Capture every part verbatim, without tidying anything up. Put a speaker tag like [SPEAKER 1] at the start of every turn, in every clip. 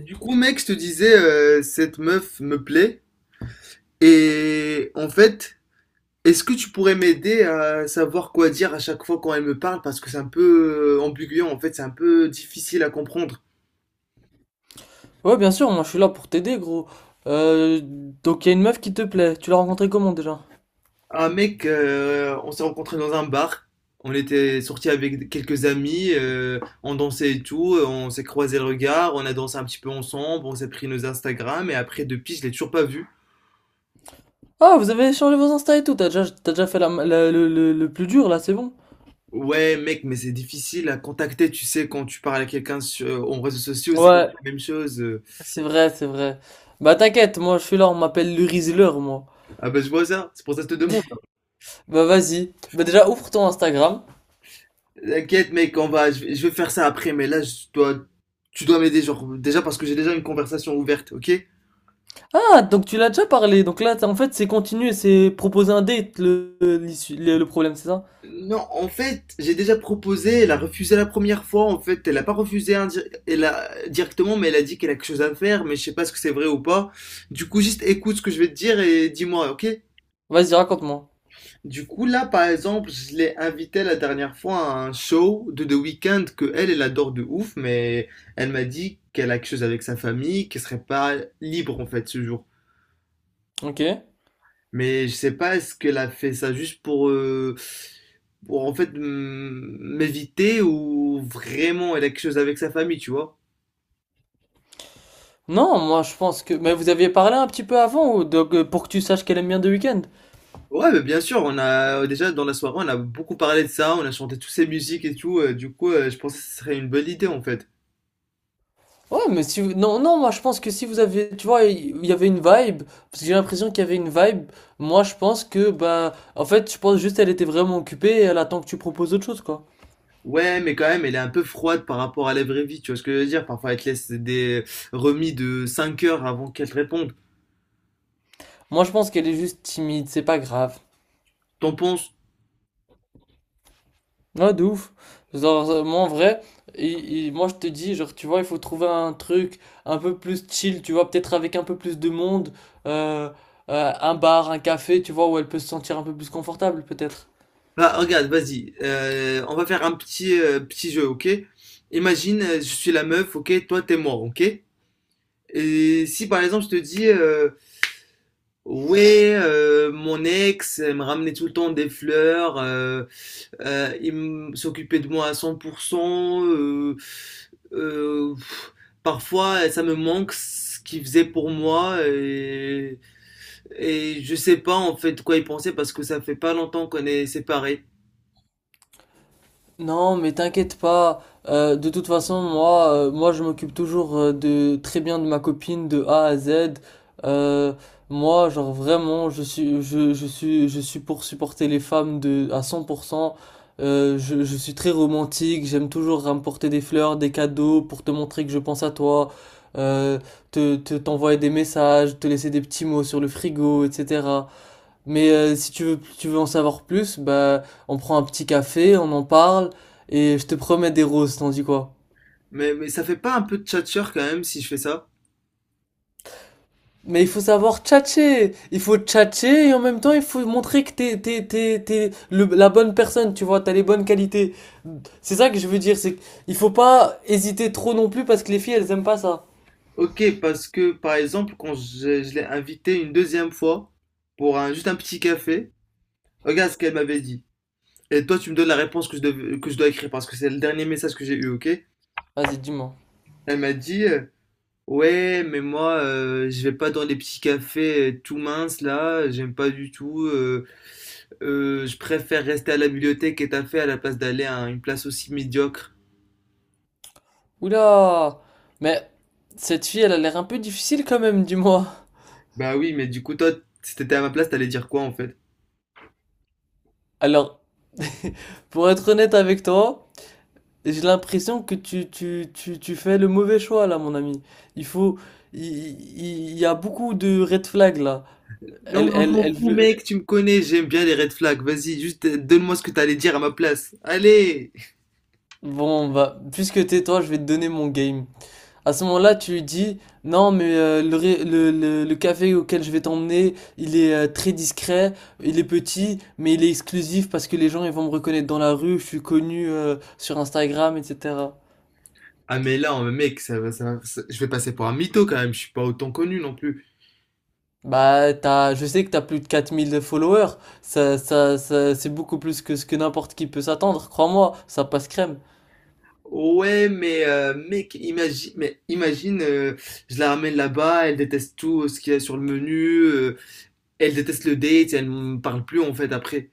[SPEAKER 1] Du coup, mec, je te disais, euh, cette meuf me plaît. Et en fait, est-ce que tu pourrais m'aider à savoir quoi dire à chaque fois quand elle me parle? Parce que c'est un peu euh, ambigu, en fait, c'est un peu difficile à comprendre.
[SPEAKER 2] Ouais, bien sûr, moi je suis là pour t'aider, gros. Euh, donc il y a une meuf qui te plaît. Tu l'as rencontrée comment déjà?
[SPEAKER 1] Un mec, euh, on s'est rencontrés dans un bar. On était sortis avec quelques amis, euh, on dansait et tout, on s'est croisé le regard, on a dansé un petit peu ensemble, on s'est pris nos Instagram, et après, depuis, je l'ai toujours pas vu.
[SPEAKER 2] Ah, vous avez échangé vos Insta et tout. T'as déjà, t'as déjà fait la, la- le, le- le plus dur là, c'est bon.
[SPEAKER 1] Ouais, mec, mais c'est difficile à contacter, tu sais, quand tu parles à quelqu'un sur en réseaux sociaux, c'est
[SPEAKER 2] Ouais,
[SPEAKER 1] la même chose. euh.
[SPEAKER 2] c'est vrai, c'est vrai. Bah t'inquiète, moi je suis là, on m'appelle le Rizzler, moi.
[SPEAKER 1] Ah bah je vois ça, c'est pour ça que je te demande.
[SPEAKER 2] Bah vas-y. Bah déjà ouvre ton Instagram.
[SPEAKER 1] T'inquiète, mec, on va, je vais, je vais faire ça après, mais là, je dois, tu dois m'aider, genre, déjà parce que j'ai déjà une conversation ouverte, ok?
[SPEAKER 2] Ah, donc tu l'as déjà parlé. Donc là, t'as- en fait, c'est continuer, c'est proposer un date le, l'issue- le le problème, c'est ça?
[SPEAKER 1] Non, en fait, j'ai déjà proposé, elle a refusé la première fois, en fait, elle a pas refusé indi- elle a, directement, mais elle a dit qu'elle a quelque chose à faire, mais je sais pas ce que c'est vrai ou pas. Du coup, juste écoute ce que je vais te dire et dis-moi, ok?
[SPEAKER 2] Vas-y, raconte-moi.
[SPEAKER 1] Du coup, là, par exemple, je l'ai invitée la dernière fois à un show de The Weeknd que elle, elle adore de ouf, mais elle m'a dit qu'elle a quelque chose avec sa famille, qu'elle serait pas libre en fait ce jour.
[SPEAKER 2] Ok.
[SPEAKER 1] Mais je sais pas, est-ce qu'elle a fait ça juste pour, euh, pour en fait m- m'éviter ou vraiment elle a quelque chose avec sa famille, tu vois?
[SPEAKER 2] Non, moi je pense que. Mais vous aviez parlé un petit peu avant, ou donc, euh, pour que tu saches qu'elle aime bien The Weeknd.
[SPEAKER 1] Ouais, mais bien sûr, on a déjà dans la soirée, on a beaucoup parlé de ça, on a chanté toutes ces musiques et tout, euh, du coup, euh, je pense que ce serait une bonne idée en fait.
[SPEAKER 2] Ouais, mais si vous... Non, non, moi je pense que si vous avez. Tu vois, il y avait une vibe. Parce que j'ai l'impression qu'il y avait une vibe. Moi je pense que, bah. En fait, je pense juste qu'elle était vraiment occupée et elle attend que tu proposes autre chose, quoi.
[SPEAKER 1] Ouais, mais quand même, elle est un peu froide par rapport à la vraie vie, tu vois ce que je veux dire? Parfois, elle te laisse des remis de cinq heures avant qu'elle te réponde.
[SPEAKER 2] Moi je pense qu'elle est juste timide, c'est pas grave.
[SPEAKER 1] T'en penses?
[SPEAKER 2] Ouais, de ouf. Genre, euh, moi en vrai, il- il- moi je te dis, genre, tu vois, il faut trouver un truc un peu plus chill, tu vois, peut-être avec un peu plus de monde, euh, euh, un bar, un café, tu vois, où elle peut se sentir un peu plus confortable, peut-être.
[SPEAKER 1] Bah, regarde, vas-y, euh, on va faire un petit, euh, petit jeu, ok? Imagine, euh, je suis la meuf, ok? Toi, t'es moi, ok? Et si par exemple, je te dis, euh, ouais, euh, mon ex, elle me ramenait tout le temps des fleurs, euh, Euh, il m- s'occupait de moi à cent pour cent. euh, euh, pff, Parfois, ça me manque ce qu'il faisait pour moi et, et je sais pas en fait quoi il pensait parce que ça fait pas longtemps qu'on est séparés.
[SPEAKER 2] Non, mais t'inquiète pas. Euh, de toute façon, moi, euh, moi, je m'occupe toujours euh, de très bien de ma copine de A à Z. Euh, moi, genre vraiment, je suis, je, je suis, je suis pour supporter les femmes de à cent pour cent. Euh, je, je suis très romantique. J'aime toujours rapporter des fleurs, des cadeaux pour te montrer que je pense à toi. Euh, te, te, t'envoyer des messages, te laisser des petits mots sur le frigo, et cetera. Mais euh, si tu veux, tu veux en savoir plus, bah, on prend un petit café, on en parle, et je te promets des roses, t'en dis quoi?
[SPEAKER 1] Mais, mais ça fait pas un peu de tchatcher quand même si je fais ça?
[SPEAKER 2] Mais il faut savoir tchatcher! Il faut tchatcher, et en même temps, il faut montrer que t'es, t'es, t'es, t'es le- la bonne personne, tu vois, t'as les bonnes qualités. C'est ça que je veux dire, c'est qu'il faut pas hésiter trop non plus, parce que les filles, elles aiment pas ça.
[SPEAKER 1] Ok, parce que par exemple, quand je, je l'ai invitée une deuxième fois pour un, juste un petit café, regarde ce qu'elle m'avait dit. Et toi, tu me donnes la réponse que je, dev- que je dois écrire parce que c'est le dernier message que j'ai eu, ok?
[SPEAKER 2] Vas-y, dis-moi.
[SPEAKER 1] Elle m'a dit, euh, ouais, mais moi, euh, je vais pas dans les petits cafés euh, tout minces là, j'aime pas du tout. euh, euh, Je préfère rester à la bibliothèque et t'as fait à la place d'aller à une place aussi médiocre.
[SPEAKER 2] Oula! Mais cette fille, elle a l'air un peu difficile quand même, dis-moi.
[SPEAKER 1] Bah oui, mais du coup, toi, si t'étais à ma place, t'allais dire quoi en fait?
[SPEAKER 2] Alors, pour être honnête avec toi, j'ai l'impression que tu, tu, tu, tu fais le mauvais choix là, mon ami. Il faut, il, il- il y a beaucoup de red flags là.
[SPEAKER 1] Non,
[SPEAKER 2] Elle,
[SPEAKER 1] mais on
[SPEAKER 2] elle,
[SPEAKER 1] s'en
[SPEAKER 2] elle
[SPEAKER 1] fout,
[SPEAKER 2] veut.
[SPEAKER 1] mec, tu me connais, j'aime bien les red flags. Vas-y, juste euh, donne-moi ce que t'allais dire à ma place. Allez!
[SPEAKER 2] Bon, bah, puisque t'es toi, je vais te donner mon game. À ce moment-là, tu lui dis, non, mais euh, le, ré- le, le, le café auquel je vais t'emmener, il est euh, très discret, il est petit, mais il est exclusif parce que les gens ils vont me reconnaître dans la rue, je suis connu euh, sur Instagram, et cetera.
[SPEAKER 1] Ah, mais là, oh, mec, ça va, ça va- ça- je vais passer pour un mytho quand même, je suis pas autant connu non plus.
[SPEAKER 2] Bah, t'as, je sais que t'as plus de quatre mille de followers, ça, ça, ça- c'est beaucoup plus que ce que n'importe qui peut s'attendre, crois-moi, ça passe crème.
[SPEAKER 1] Ouais, mais euh, mec, imagine, mais imagine, euh, je la ramène là-bas, elle déteste tout euh, ce qu'il y a sur le menu, euh, elle déteste le date, elle ne parle plus en fait après.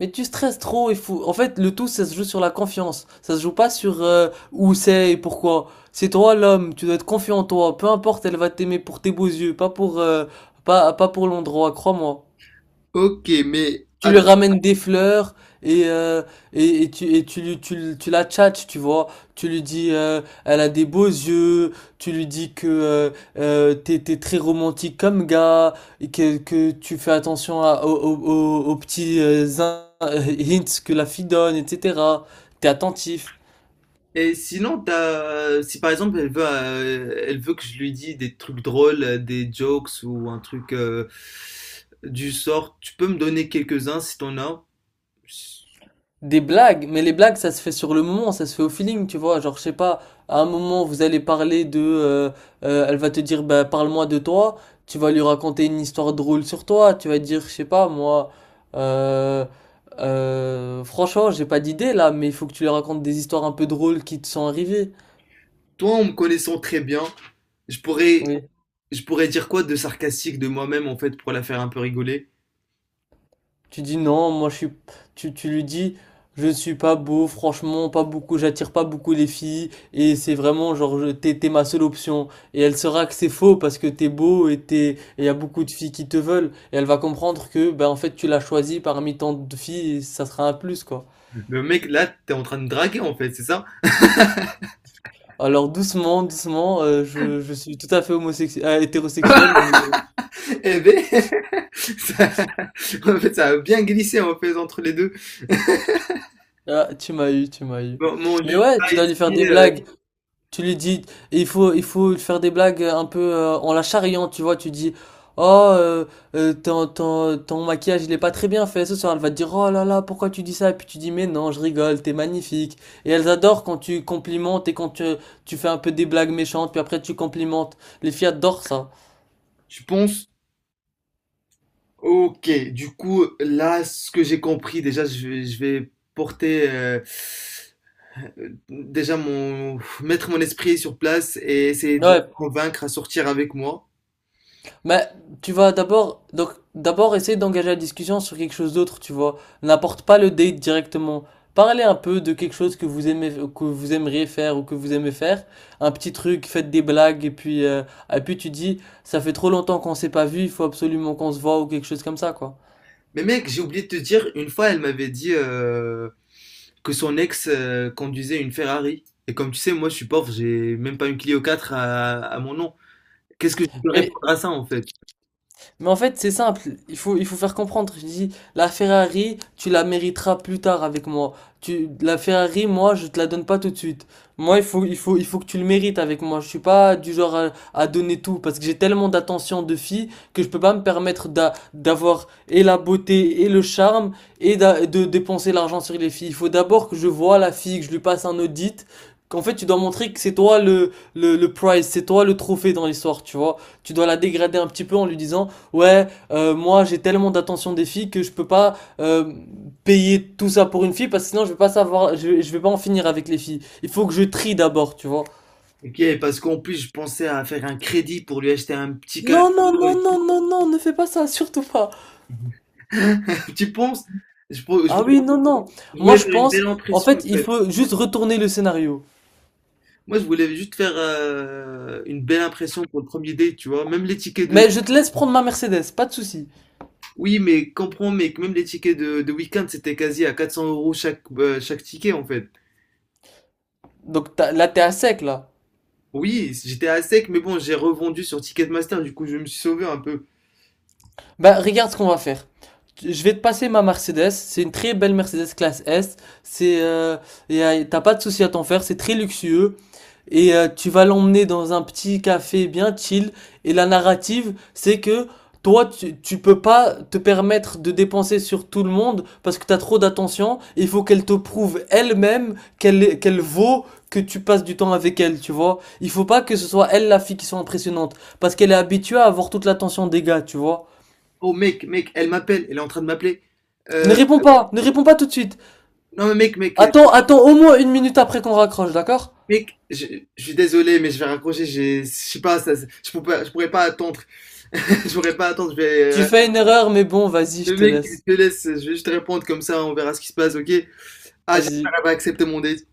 [SPEAKER 2] Mais tu stresses trop, il faut, en fait, le tout, ça se joue sur la confiance, ça se joue pas sur euh, où c'est et pourquoi. C'est toi l'homme, tu dois être confiant en toi, peu importe, elle va t'aimer pour tes beaux yeux, pas pour, euh, pas, pas pour l'endroit, crois-moi.
[SPEAKER 1] Ok, mais
[SPEAKER 2] Tu lui
[SPEAKER 1] attends.
[SPEAKER 2] ramènes des fleurs et, euh, et, et tu, et tu, lui- tu, lui- tu la tchatches, tu vois. Tu lui dis, euh, elle a des beaux yeux, tu lui dis que euh, euh, t'es, t'es très romantique comme gars, et que, que tu fais attention à- aux, aux- aux- aux petits euh, zin- euh, hints que la fille donne, et cetera. T'es attentif.
[SPEAKER 1] Et sinon, t'as, si par exemple elle veut, euh, elle veut que je lui dise des trucs drôles, euh, des jokes ou un truc euh, du sort, tu peux me donner quelques-uns si t'en as.
[SPEAKER 2] Des blagues, mais les blagues, ça se fait sur le moment, ça se fait au feeling, tu vois. Genre, je sais pas, à un moment, vous allez parler de, euh, euh, elle va te dire, bah, parle-moi de toi. Tu vas lui raconter une histoire drôle sur toi. Tu vas dire, je sais pas, moi, euh, euh, franchement, j'ai pas d'idée là, mais il faut que tu lui racontes des histoires un peu drôles qui te sont arrivées.
[SPEAKER 1] Toi, en me connaissant très bien, je pourrais,
[SPEAKER 2] Oui.
[SPEAKER 1] je pourrais dire quoi de sarcastique de moi-même en fait pour la faire un peu rigoler.
[SPEAKER 2] Tu dis non, moi je suis. Tu, tu lui dis, je ne suis pas beau, franchement, pas beaucoup, j'attire pas beaucoup les filles, et c'est vraiment genre, je- t'es, t'es ma seule option. Et elle saura que c'est faux parce que t'es beau et t'es, et y a beaucoup de filles qui te veulent, et elle va comprendre que, ben en fait, tu l'as choisi parmi tant de filles, et ça sera un plus, quoi.
[SPEAKER 1] Le mec, là, t'es en train de draguer en fait, c'est ça?
[SPEAKER 2] Alors doucement, doucement, euh, je, je suis tout à fait homosexuel, hétérosexuel, mais
[SPEAKER 1] Eh ben, ça- en fait, ça a bien glissé en fait entre les deux.
[SPEAKER 2] ah, tu m'as eu, tu m'as eu.
[SPEAKER 1] Mon, mon
[SPEAKER 2] Mais
[SPEAKER 1] juge,
[SPEAKER 2] ouais, tu
[SPEAKER 1] là,
[SPEAKER 2] dois lui faire des
[SPEAKER 1] ici, euh,
[SPEAKER 2] blagues. Tu lui dis, et il faut, il faut lui faire des blagues un peu euh, en la charriant, tu vois. Tu dis, oh, euh, euh, ton, ton, ton maquillage, il est pas très bien fait ce soir. Elle va te dire, oh là là, pourquoi tu dis ça? Et puis tu dis, mais non, je rigole, t'es magnifique. Et elles adorent quand tu complimentes et quand tu, tu fais un peu des blagues méchantes, puis après tu complimentes. Les filles adorent ça.
[SPEAKER 1] je pense, ok, du coup, là, ce que j'ai compris, déjà, je vais, je vais porter, euh, euh, déjà, mon, mettre mon esprit sur place et essayer de la
[SPEAKER 2] Ouais,
[SPEAKER 1] convaincre à sortir avec moi.
[SPEAKER 2] mais tu vas d'abord donc d'abord essayer d'engager la discussion sur quelque chose d'autre, tu vois. N'apporte pas le date directement. Parlez un peu de quelque chose que vous aimez que vous aimeriez faire ou que vous aimez faire, un petit truc, faites des blagues et puis euh, et puis tu dis ça fait trop longtemps qu'on s'est pas vu, il faut absolument qu'on se voit ou quelque chose comme ça quoi.
[SPEAKER 1] Mais mec, j'ai oublié de te dire, une fois, elle m'avait dit euh, que son ex euh, conduisait une Ferrari. Et comme tu sais, moi, je suis pauvre, j'ai même pas une Clio quatre à, à mon nom. Qu'est-ce que je peux
[SPEAKER 2] Mais
[SPEAKER 1] répondre à ça, en fait?
[SPEAKER 2] Mais en fait, c'est simple, il faut, il faut faire comprendre. Je dis, la Ferrari, tu la mériteras plus tard avec moi. Tu, la Ferrari, moi, je te la donne pas tout de suite. Moi, il faut, il faut, il faut que tu le mérites avec moi. Je suis pas du genre à, à donner tout parce que j'ai tellement d'attention de filles que je peux pas me permettre d'avoir et la beauté et le charme et de dépenser l'argent sur les filles. Il faut d'abord que je vois la fille, que je lui passe un audit. Qu'en fait, tu dois montrer que c'est toi le, le, le prize, c'est toi le trophée dans l'histoire, tu vois. Tu dois la dégrader un petit peu en lui disant ouais, euh, moi j'ai tellement d'attention des filles que je peux pas euh, payer tout ça pour une fille parce que sinon je vais pas savoir, je, vais- je vais pas en finir avec les filles. Il faut que je trie d'abord, tu vois.
[SPEAKER 1] Ok, parce qu'en plus, je pensais à faire un crédit pour lui acheter un petit cadeau.
[SPEAKER 2] Non, non, non, non, non, non, ne fais pas ça, surtout pas.
[SPEAKER 1] Tu penses? Je, pour- je
[SPEAKER 2] Ah
[SPEAKER 1] voulais,
[SPEAKER 2] oui, non, non.
[SPEAKER 1] je
[SPEAKER 2] Moi
[SPEAKER 1] voulais
[SPEAKER 2] je
[SPEAKER 1] faire une
[SPEAKER 2] pense,
[SPEAKER 1] belle
[SPEAKER 2] en
[SPEAKER 1] impression,
[SPEAKER 2] fait,
[SPEAKER 1] en
[SPEAKER 2] il
[SPEAKER 1] fait.
[SPEAKER 2] faut juste retourner le scénario.
[SPEAKER 1] Moi, je voulais juste faire euh, une belle impression pour le premier date, tu vois. Même les tickets de...
[SPEAKER 2] Mais je te laisse prendre ma Mercedes, pas de souci.
[SPEAKER 1] Oui, mais comprends, mec, même les tickets de, de week-end, c'était quasi à quatre cents euros chaque, euh, chaque ticket, en fait.
[SPEAKER 2] Donc t'as- là t'es à sec là.
[SPEAKER 1] Oui, j'étais à sec, mais bon, j'ai revendu sur Ticketmaster, du coup, je me suis sauvé un peu.
[SPEAKER 2] Bah regarde ce qu'on va faire. Tu- Je vais te passer ma Mercedes, c'est une très belle Mercedes classe S. C'est euh, y a- t'as pas de souci à t'en faire, c'est très luxueux. Et euh, tu vas l'emmener dans un petit café bien chill. Et la narrative, c'est que toi, tu, tu peux pas te permettre de dépenser sur tout le monde parce que t'as trop d'attention. Il faut qu'elle te prouve elle-même qu'elle qu'elle vaut que tu passes du temps avec elle, tu vois. Il faut pas que ce soit elle la fille qui soit impressionnante parce qu'elle est habituée à avoir toute l'attention des gars, tu vois.
[SPEAKER 1] Oh, mec, mec, elle m'appelle, elle est en train de m'appeler.
[SPEAKER 2] Ne
[SPEAKER 1] Euh,
[SPEAKER 2] réponds pas, ne réponds pas tout de suite.
[SPEAKER 1] non, mais mec, mec,
[SPEAKER 2] Attends, attends au moins une minute après qu'on raccroche, d'accord?
[SPEAKER 1] Mec, je, je suis désolé, mais je vais raccrocher. j'ai- Je sais pas, ça, je pourrais, je pourrais pas attendre. Je pourrais pas attendre. Je vais, euh,
[SPEAKER 2] Tu fais une erreur, mais bon, vas-y, je
[SPEAKER 1] le
[SPEAKER 2] te
[SPEAKER 1] mec,
[SPEAKER 2] laisse.
[SPEAKER 1] je te laisse. Je vais juste répondre comme ça. On verra ce qui se passe, ok? Ah, j'espère
[SPEAKER 2] Vas-y.
[SPEAKER 1] qu'elle va accepter mon date.